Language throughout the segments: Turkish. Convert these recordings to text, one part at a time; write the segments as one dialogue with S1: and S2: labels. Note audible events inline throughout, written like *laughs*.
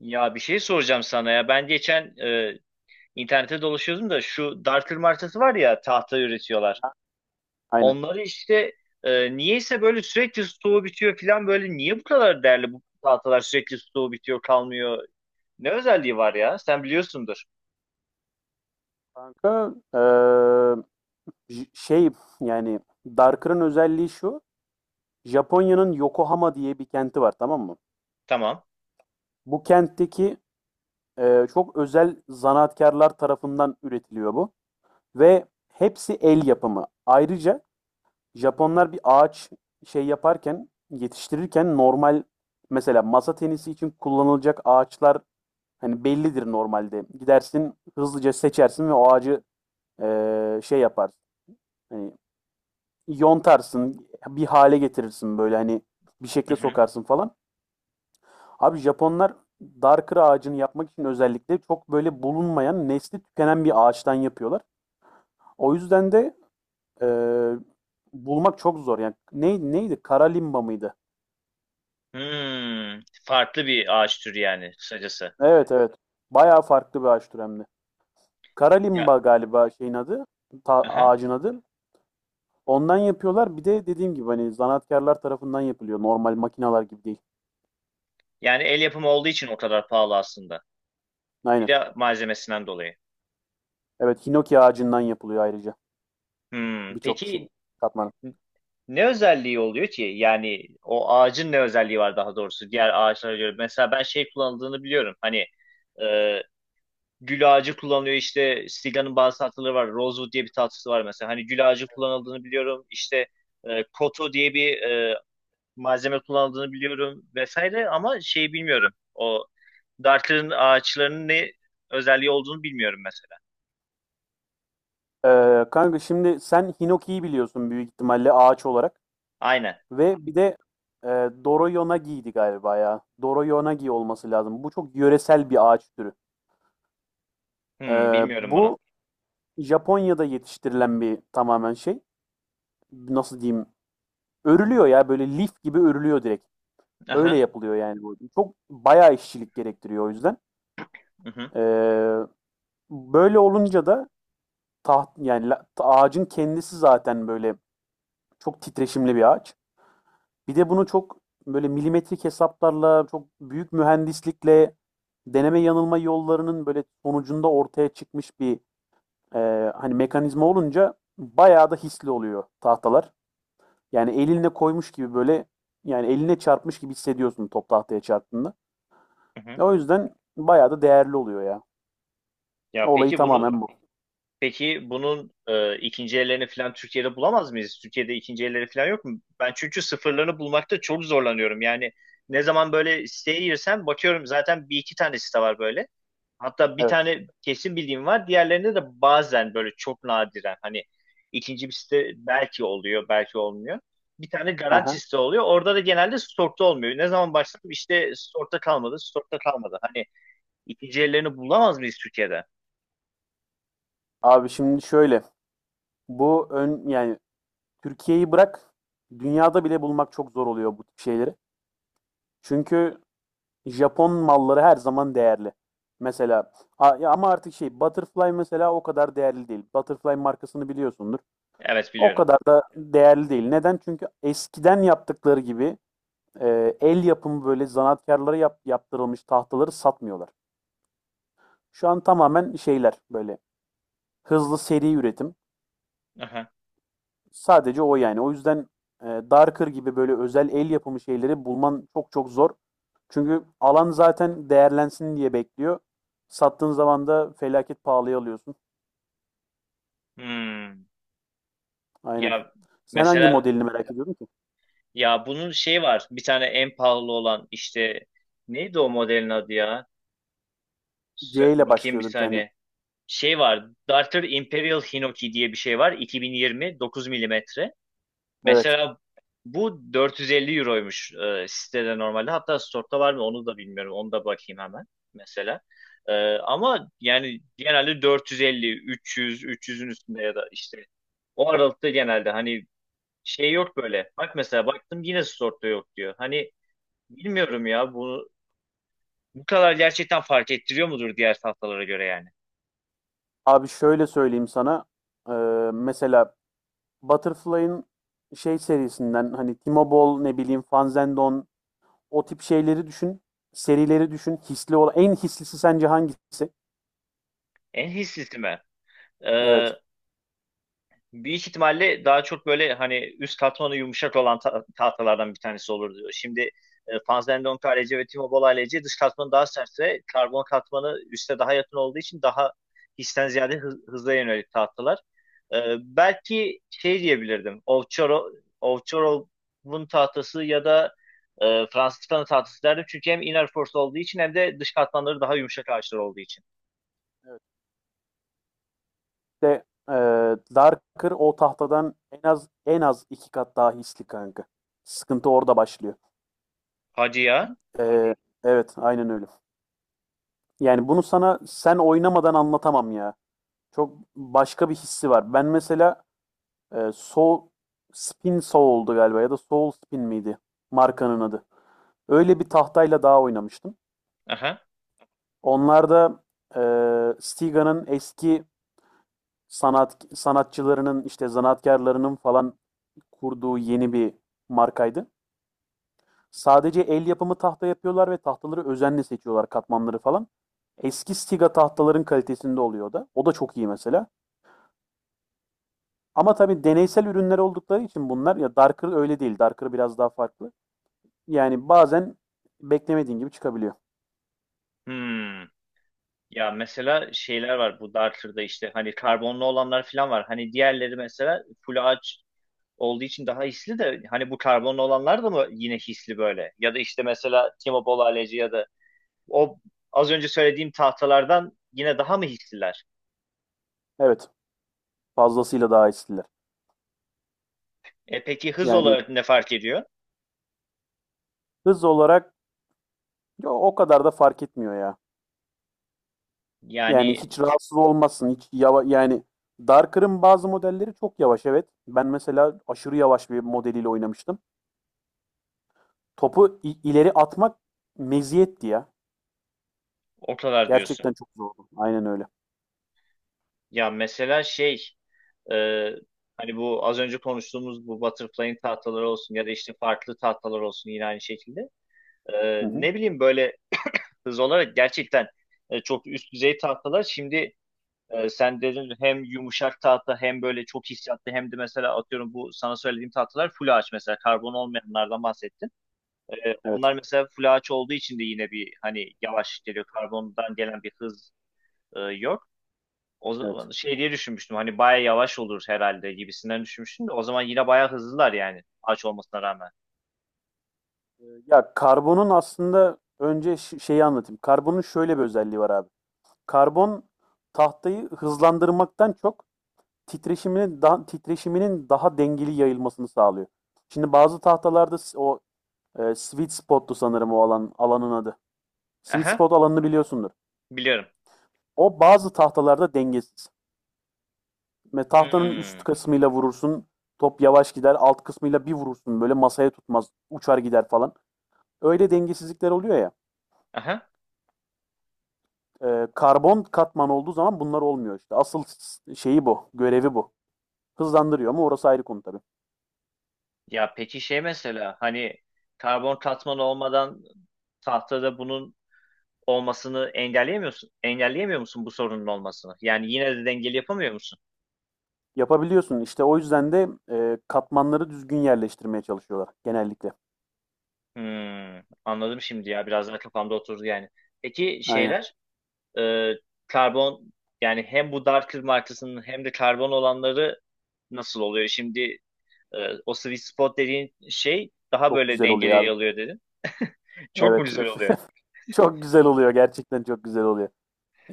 S1: Ya bir şey soracağım sana ya. Ben geçen internette dolaşıyordum da şu dartır martası var ya, tahta üretiyorlar.
S2: Hı. Aynen.
S1: Onları işte, niyeyse böyle sürekli stoğu bitiyor falan. Böyle niye bu kadar değerli bu tahtalar, sürekli stoğu bitiyor, kalmıyor. Ne özelliği var ya? Sen biliyorsundur.
S2: Kanka, şey yani Darker'ın özelliği şu. Japonya'nın Yokohama diye bir kenti var, tamam mı?
S1: Tamam.
S2: Bu kentteki çok özel zanaatkarlar tarafından üretiliyor bu. Ve hepsi el yapımı. Ayrıca Japonlar bir ağaç şey yaparken, yetiştirirken normal, mesela masa tenisi için kullanılacak ağaçlar hani bellidir normalde. Gidersin, hızlıca seçersin ve o ağacı şey yaparsın. Hani yontarsın, bir hale getirirsin, böyle hani bir
S1: Hı
S2: şekle
S1: hı.
S2: sokarsın falan. Abi Japonlar Darker ağacını yapmak için özellikle çok böyle bulunmayan, nesli tükenen bir ağaçtan yapıyorlar. O yüzden de e, bulmak çok zor. Yani ne, neydi? Kara limba mıydı?
S1: Hmm, farklı bir ağaç türü yani kısacası.
S2: Evet, evet. Bayağı farklı bir ağaç türü hem de. Kara
S1: Ya,
S2: limba galiba şeyin adı,
S1: aha.
S2: ağacın adı. Ondan yapıyorlar. Bir de dediğim gibi hani zanaatkarlar tarafından yapılıyor. Normal makineler gibi değil.
S1: Yani el yapımı olduğu için o kadar pahalı aslında. Bir
S2: Aynen.
S1: de malzemesinden dolayı.
S2: Evet, hinoki ağacından yapılıyor ayrıca.
S1: Hmm,
S2: Birçok
S1: peki.
S2: şey katman.
S1: Ne özelliği oluyor ki? Yani o ağacın ne özelliği var, daha doğrusu diğer ağaçlara göre? Mesela ben şey kullanıldığını biliyorum. Hani e, gül ağacı kullanılıyor işte, Siga'nın bazı tatlıları var. Rosewood diye bir tatlısı var mesela. Hani gül ağacı kullanıldığını biliyorum. İşte koto diye bir malzeme kullanıldığını biliyorum vesaire, ama şeyi bilmiyorum. O Darker'ın ağaçlarının ne özelliği olduğunu bilmiyorum mesela.
S2: Kanka şimdi sen Hinoki'yi biliyorsun büyük ihtimalle ağaç olarak.
S1: Aynen.
S2: Ve bir de e, Doroyonagi'ydi galiba ya. Doroyonagi olması lazım. Bu çok yöresel bir ağaç türü.
S1: Hmm,
S2: Ee,
S1: bilmiyorum bunu.
S2: bu Japonya'da yetiştirilen bir tamamen şey. Nasıl diyeyim? Örülüyor ya, böyle lif gibi örülüyor direkt. Öyle
S1: Aha.
S2: yapılıyor yani bu. Çok bayağı işçilik gerektiriyor o yüzden.
S1: Hı hı.
S2: Ee, böyle olunca da yani ağacın kendisi zaten böyle çok titreşimli bir ağaç. Bir de bunu çok böyle milimetrik hesaplarla, çok büyük mühendislikle, deneme yanılma yollarının böyle sonucunda ortaya çıkmış bir e, hani mekanizma olunca bayağı da hisli oluyor tahtalar. Yani elinle koymuş gibi, böyle yani eline çarpmış gibi hissediyorsun top tahtaya çarptığında.
S1: Hı hı.
S2: O yüzden bayağı da değerli oluyor ya.
S1: Ya
S2: Olayı
S1: peki bunu
S2: tamamen bu.
S1: Peki bunun ikinci ellerini falan Türkiye'de bulamaz mıyız? Türkiye'de ikinci elleri falan yok mu? Ben çünkü sıfırlarını bulmakta çok zorlanıyorum. Yani ne zaman böyle siteye girsem bakıyorum, zaten bir iki tane site var böyle. Hatta bir
S2: Evet.
S1: tane kesin bildiğim var. Diğerlerinde de bazen böyle çok nadiren hani, ikinci bir site belki oluyor, belki olmuyor. Bir tane
S2: Aha.
S1: garanti site oluyor. Orada da genelde stokta olmuyor. Ne zaman başladım, işte stokta kalmadı, stokta kalmadı. Hani ikinci ellerini bulamaz mıyız Türkiye'de?
S2: Abi şimdi şöyle, bu yani Türkiye'yi bırak, dünyada bile bulmak çok zor oluyor bu tip şeyleri. Çünkü Japon malları her zaman değerli. Mesela ya, ama artık şey, Butterfly mesela o kadar değerli değil. Butterfly markasını biliyorsundur.
S1: Evet,
S2: O
S1: biliyorum.
S2: kadar da değerli değil. Neden? Çünkü eskiden yaptıkları gibi el yapımı böyle zanaatkarlara yaptırılmış tahtaları satmıyorlar. Şu an tamamen şeyler, böyle hızlı seri üretim.
S1: Aha.
S2: Sadece o yani. O yüzden Darker gibi böyle özel el yapımı şeyleri bulman çok çok zor. Çünkü alan zaten değerlensin diye bekliyor. Sattığın zaman da felaket pahalıya alıyorsun.
S1: Hmm.
S2: Aynen.
S1: Ya
S2: Sen hangi
S1: mesela,
S2: modelini merak ediyordun ki?
S1: ya bunun şeyi var. Bir tane en pahalı olan işte, neydi o modelin adı ya?
S2: C
S1: Sö-
S2: ile
S1: bakayım bir
S2: başlıyordu bir tane.
S1: saniye. Şey var. Darter Imperial Hinoki diye bir şey var. 2020 9 milimetre.
S2: Evet.
S1: Mesela bu 450 euroymuş sitede normalde. Hatta store'da var mı onu da bilmiyorum. Onu da bakayım hemen mesela. E, ama yani genelde 450, 300, 300'ün üstünde ya da işte o aralıkta genelde hani, şey yok böyle. Bak, mesela baktım yine Sword'da yok diyor. Hani bilmiyorum ya bunu, bu kadar gerçekten fark ettiriyor mudur diğer tahtalara göre yani?
S2: Abi şöyle söyleyeyim sana. Ee, mesela Butterfly'ın şey serisinden, hani Timobol, ne bileyim Fanzendon, o tip şeyleri düşün. Serileri düşün. Hisli olan, en hislisi sence hangisi?
S1: En hissisi mi? Ee,
S2: Evet.
S1: Büyük ihtimalle daha çok böyle hani üst katmanı yumuşak olan tahtalardan bir tanesi olurdu. Şimdi Fanzendonk ALC ve Timo Boll ALC dış katmanı daha sertse, karbon katmanı üste daha yakın olduğu için daha histen ziyade hıza yönelik tahtalar. E, belki şey diyebilirdim. Ovçarov'un tahtası ya da Franciscan'ın tahtası derdim. Çünkü hem inner force olduğu için, hem de dış katmanları daha yumuşak ağaçlar olduğu için.
S2: De e, Darker o tahtadan en az en az iki kat daha hisli kanka. Sıkıntı orada başlıyor.
S1: Hadi ya.
S2: Ee, evet, aynen öyle. Yani bunu sana sen oynamadan anlatamam ya. Çok başka bir hissi var. Ben mesela Soul Spin Soul'du galiba, ya da Soul Spin miydi markanın adı. Öyle bir tahtayla daha oynamıştım.
S1: Aha.
S2: Onlar da Stiga'nın eski sanatçılarının, işte zanaatkarlarının falan kurduğu yeni bir markaydı. Sadece el yapımı tahta yapıyorlar ve tahtaları özenle seçiyorlar, katmanları falan. Eski Stiga tahtaların kalitesinde oluyor da. O da çok iyi mesela. Ama tabii deneysel ürünler oldukları için bunlar, ya Darker öyle değil. Darker biraz daha farklı. Yani bazen beklemediğin gibi çıkabiliyor.
S1: Hmm. Ya mesela şeyler var bu Darter'da, işte hani karbonlu olanlar falan var. Hani diğerleri mesela full ağaç olduğu için daha hisli de, hani bu karbonlu olanlar da mı yine hisli böyle? Ya da işte mesela Timo Bolaleci ya da o az önce söylediğim tahtalardan yine daha mı hisliler?
S2: Evet, fazlasıyla daha eskiler.
S1: E peki hız
S2: Yani
S1: olarak ne fark ediyor?
S2: hız olarak, yo, o kadar da fark etmiyor ya. Yani
S1: Yani
S2: hiç rahatsız olmazsın. Hiç yani Darker'ın bazı modelleri çok yavaş, evet. Ben mesela aşırı yavaş bir modeliyle oynamıştım. Topu ileri atmak meziyetti ya.
S1: o kadar diyorsun.
S2: Gerçekten çok zordu. Aynen öyle.
S1: Ya mesela şey e, hani bu az önce konuştuğumuz bu butterfly'in tahtaları olsun ya da işte farklı tahtalar olsun, yine aynı şekilde.
S2: Hı hı.
S1: Ne bileyim böyle hız olarak gerçekten çok üst düzey tahtalar. Şimdi sen dedin, hem yumuşak tahta hem böyle çok hissiyatlı, hem de mesela atıyorum bu sana söylediğim tahtalar full ağaç, mesela karbon olmayanlardan bahsettin. E,
S2: Evet.
S1: onlar mesela full ağaç olduğu için de yine, bir hani yavaş geliyor, karbondan gelen bir hız yok. O
S2: Evet.
S1: zaman şey diye düşünmüştüm, hani baya yavaş olur herhalde gibisinden düşünmüştüm de, o zaman yine baya hızlılar yani ağaç olmasına rağmen.
S2: Ya karbonun aslında, önce şeyi anlatayım. Karbonun şöyle bir özelliği var abi. Karbon tahtayı hızlandırmaktan çok titreşiminin daha dengeli yayılmasını sağlıyor. Şimdi bazı tahtalarda o sweet spot'tu sanırım o alanın adı. Sweet
S1: Aha,
S2: spot alanını biliyorsundur.
S1: biliyorum.
S2: O bazı tahtalarda dengesiz. Ve tahtanın
S1: Hmm.
S2: üst kısmıyla vurursun. Top yavaş gider. Alt kısmıyla bir vurursun, böyle masaya tutmaz. Uçar gider falan. Öyle dengesizlikler oluyor ya.
S1: Aha.
S2: Karbon katman olduğu zaman bunlar olmuyor işte. Asıl şeyi bu. Görevi bu. Hızlandırıyor ama orası ayrı konu tabii.
S1: Ya peki şey mesela, hani karbon katman olmadan tahtada bunun olmasını engelleyemiyorsun. Engelleyemiyor musun bu sorunun olmasını? Yani yine de dengeli yapamıyor musun?
S2: Yapabiliyorsun. İşte o yüzden de katmanları düzgün yerleştirmeye çalışıyorlar genellikle.
S1: Hmm, anladım şimdi, ya biraz daha kafamda oturdu yani. Peki
S2: Aynen.
S1: şeyler e, karbon, yani hem bu dark kır markasının hem de karbon olanları nasıl oluyor? Şimdi e, o sweet spot dediğin şey daha
S2: Çok
S1: böyle
S2: güzel oluyor abi.
S1: dengeli alıyor dedin. Çok mu
S2: Evet.
S1: güzel oluyor?
S2: *laughs* Çok güzel oluyor. Gerçekten çok güzel oluyor.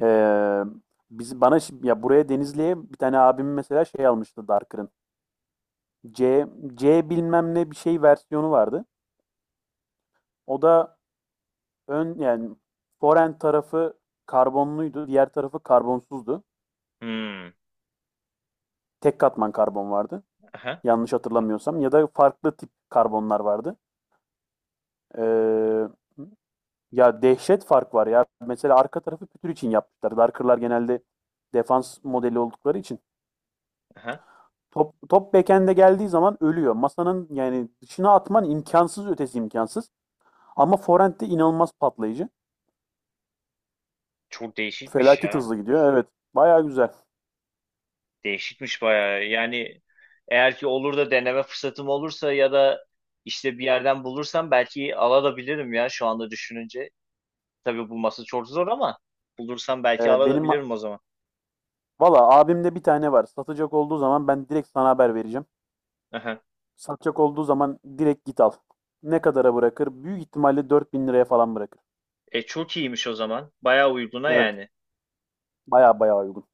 S2: Ee, biz bana ya buraya Denizli'ye bir tane abim mesela şey almıştı Darker'ın. C C bilmem ne bir şey versiyonu vardı. O da yani forend tarafı karbonluydu, diğer tarafı karbonsuzdu.
S1: Hmm,
S2: Tek katman karbon vardı.
S1: aha,
S2: Yanlış hatırlamıyorsam, ya da farklı tip karbonlar vardı. Ee, ya dehşet fark var ya. Mesela arka tarafı pütür için yapmışlar. Darker'lar genelde defans modeli oldukları için
S1: aha.
S2: top backhand'e geldiği zaman ölüyor. Masanın yani dışına atman imkansız, ötesi imkansız. Ama forend de inanılmaz patlayıcı.
S1: Çok değişikmiş
S2: Felaket
S1: ya.
S2: hızlı gidiyor. Evet. Baya güzel.
S1: Değişikmiş bayağı. Yani eğer ki olur da deneme fırsatım olursa ya da işte bir yerden bulursam, belki alabilirim ya, şu anda düşününce. Tabii bulması çok zor ama bulursam, belki
S2: Benim
S1: alabilirim o zaman.
S2: valla abimde bir tane var. Satacak olduğu zaman ben direkt sana haber vereceğim.
S1: Aha.
S2: Satacak olduğu zaman direkt git al. Ne kadara bırakır? Büyük ihtimalle 4.000 liraya falan bırakır.
S1: E çok iyiymiş o zaman. Bayağı uyguna
S2: Evet.
S1: yani.
S2: Baya baya uygun.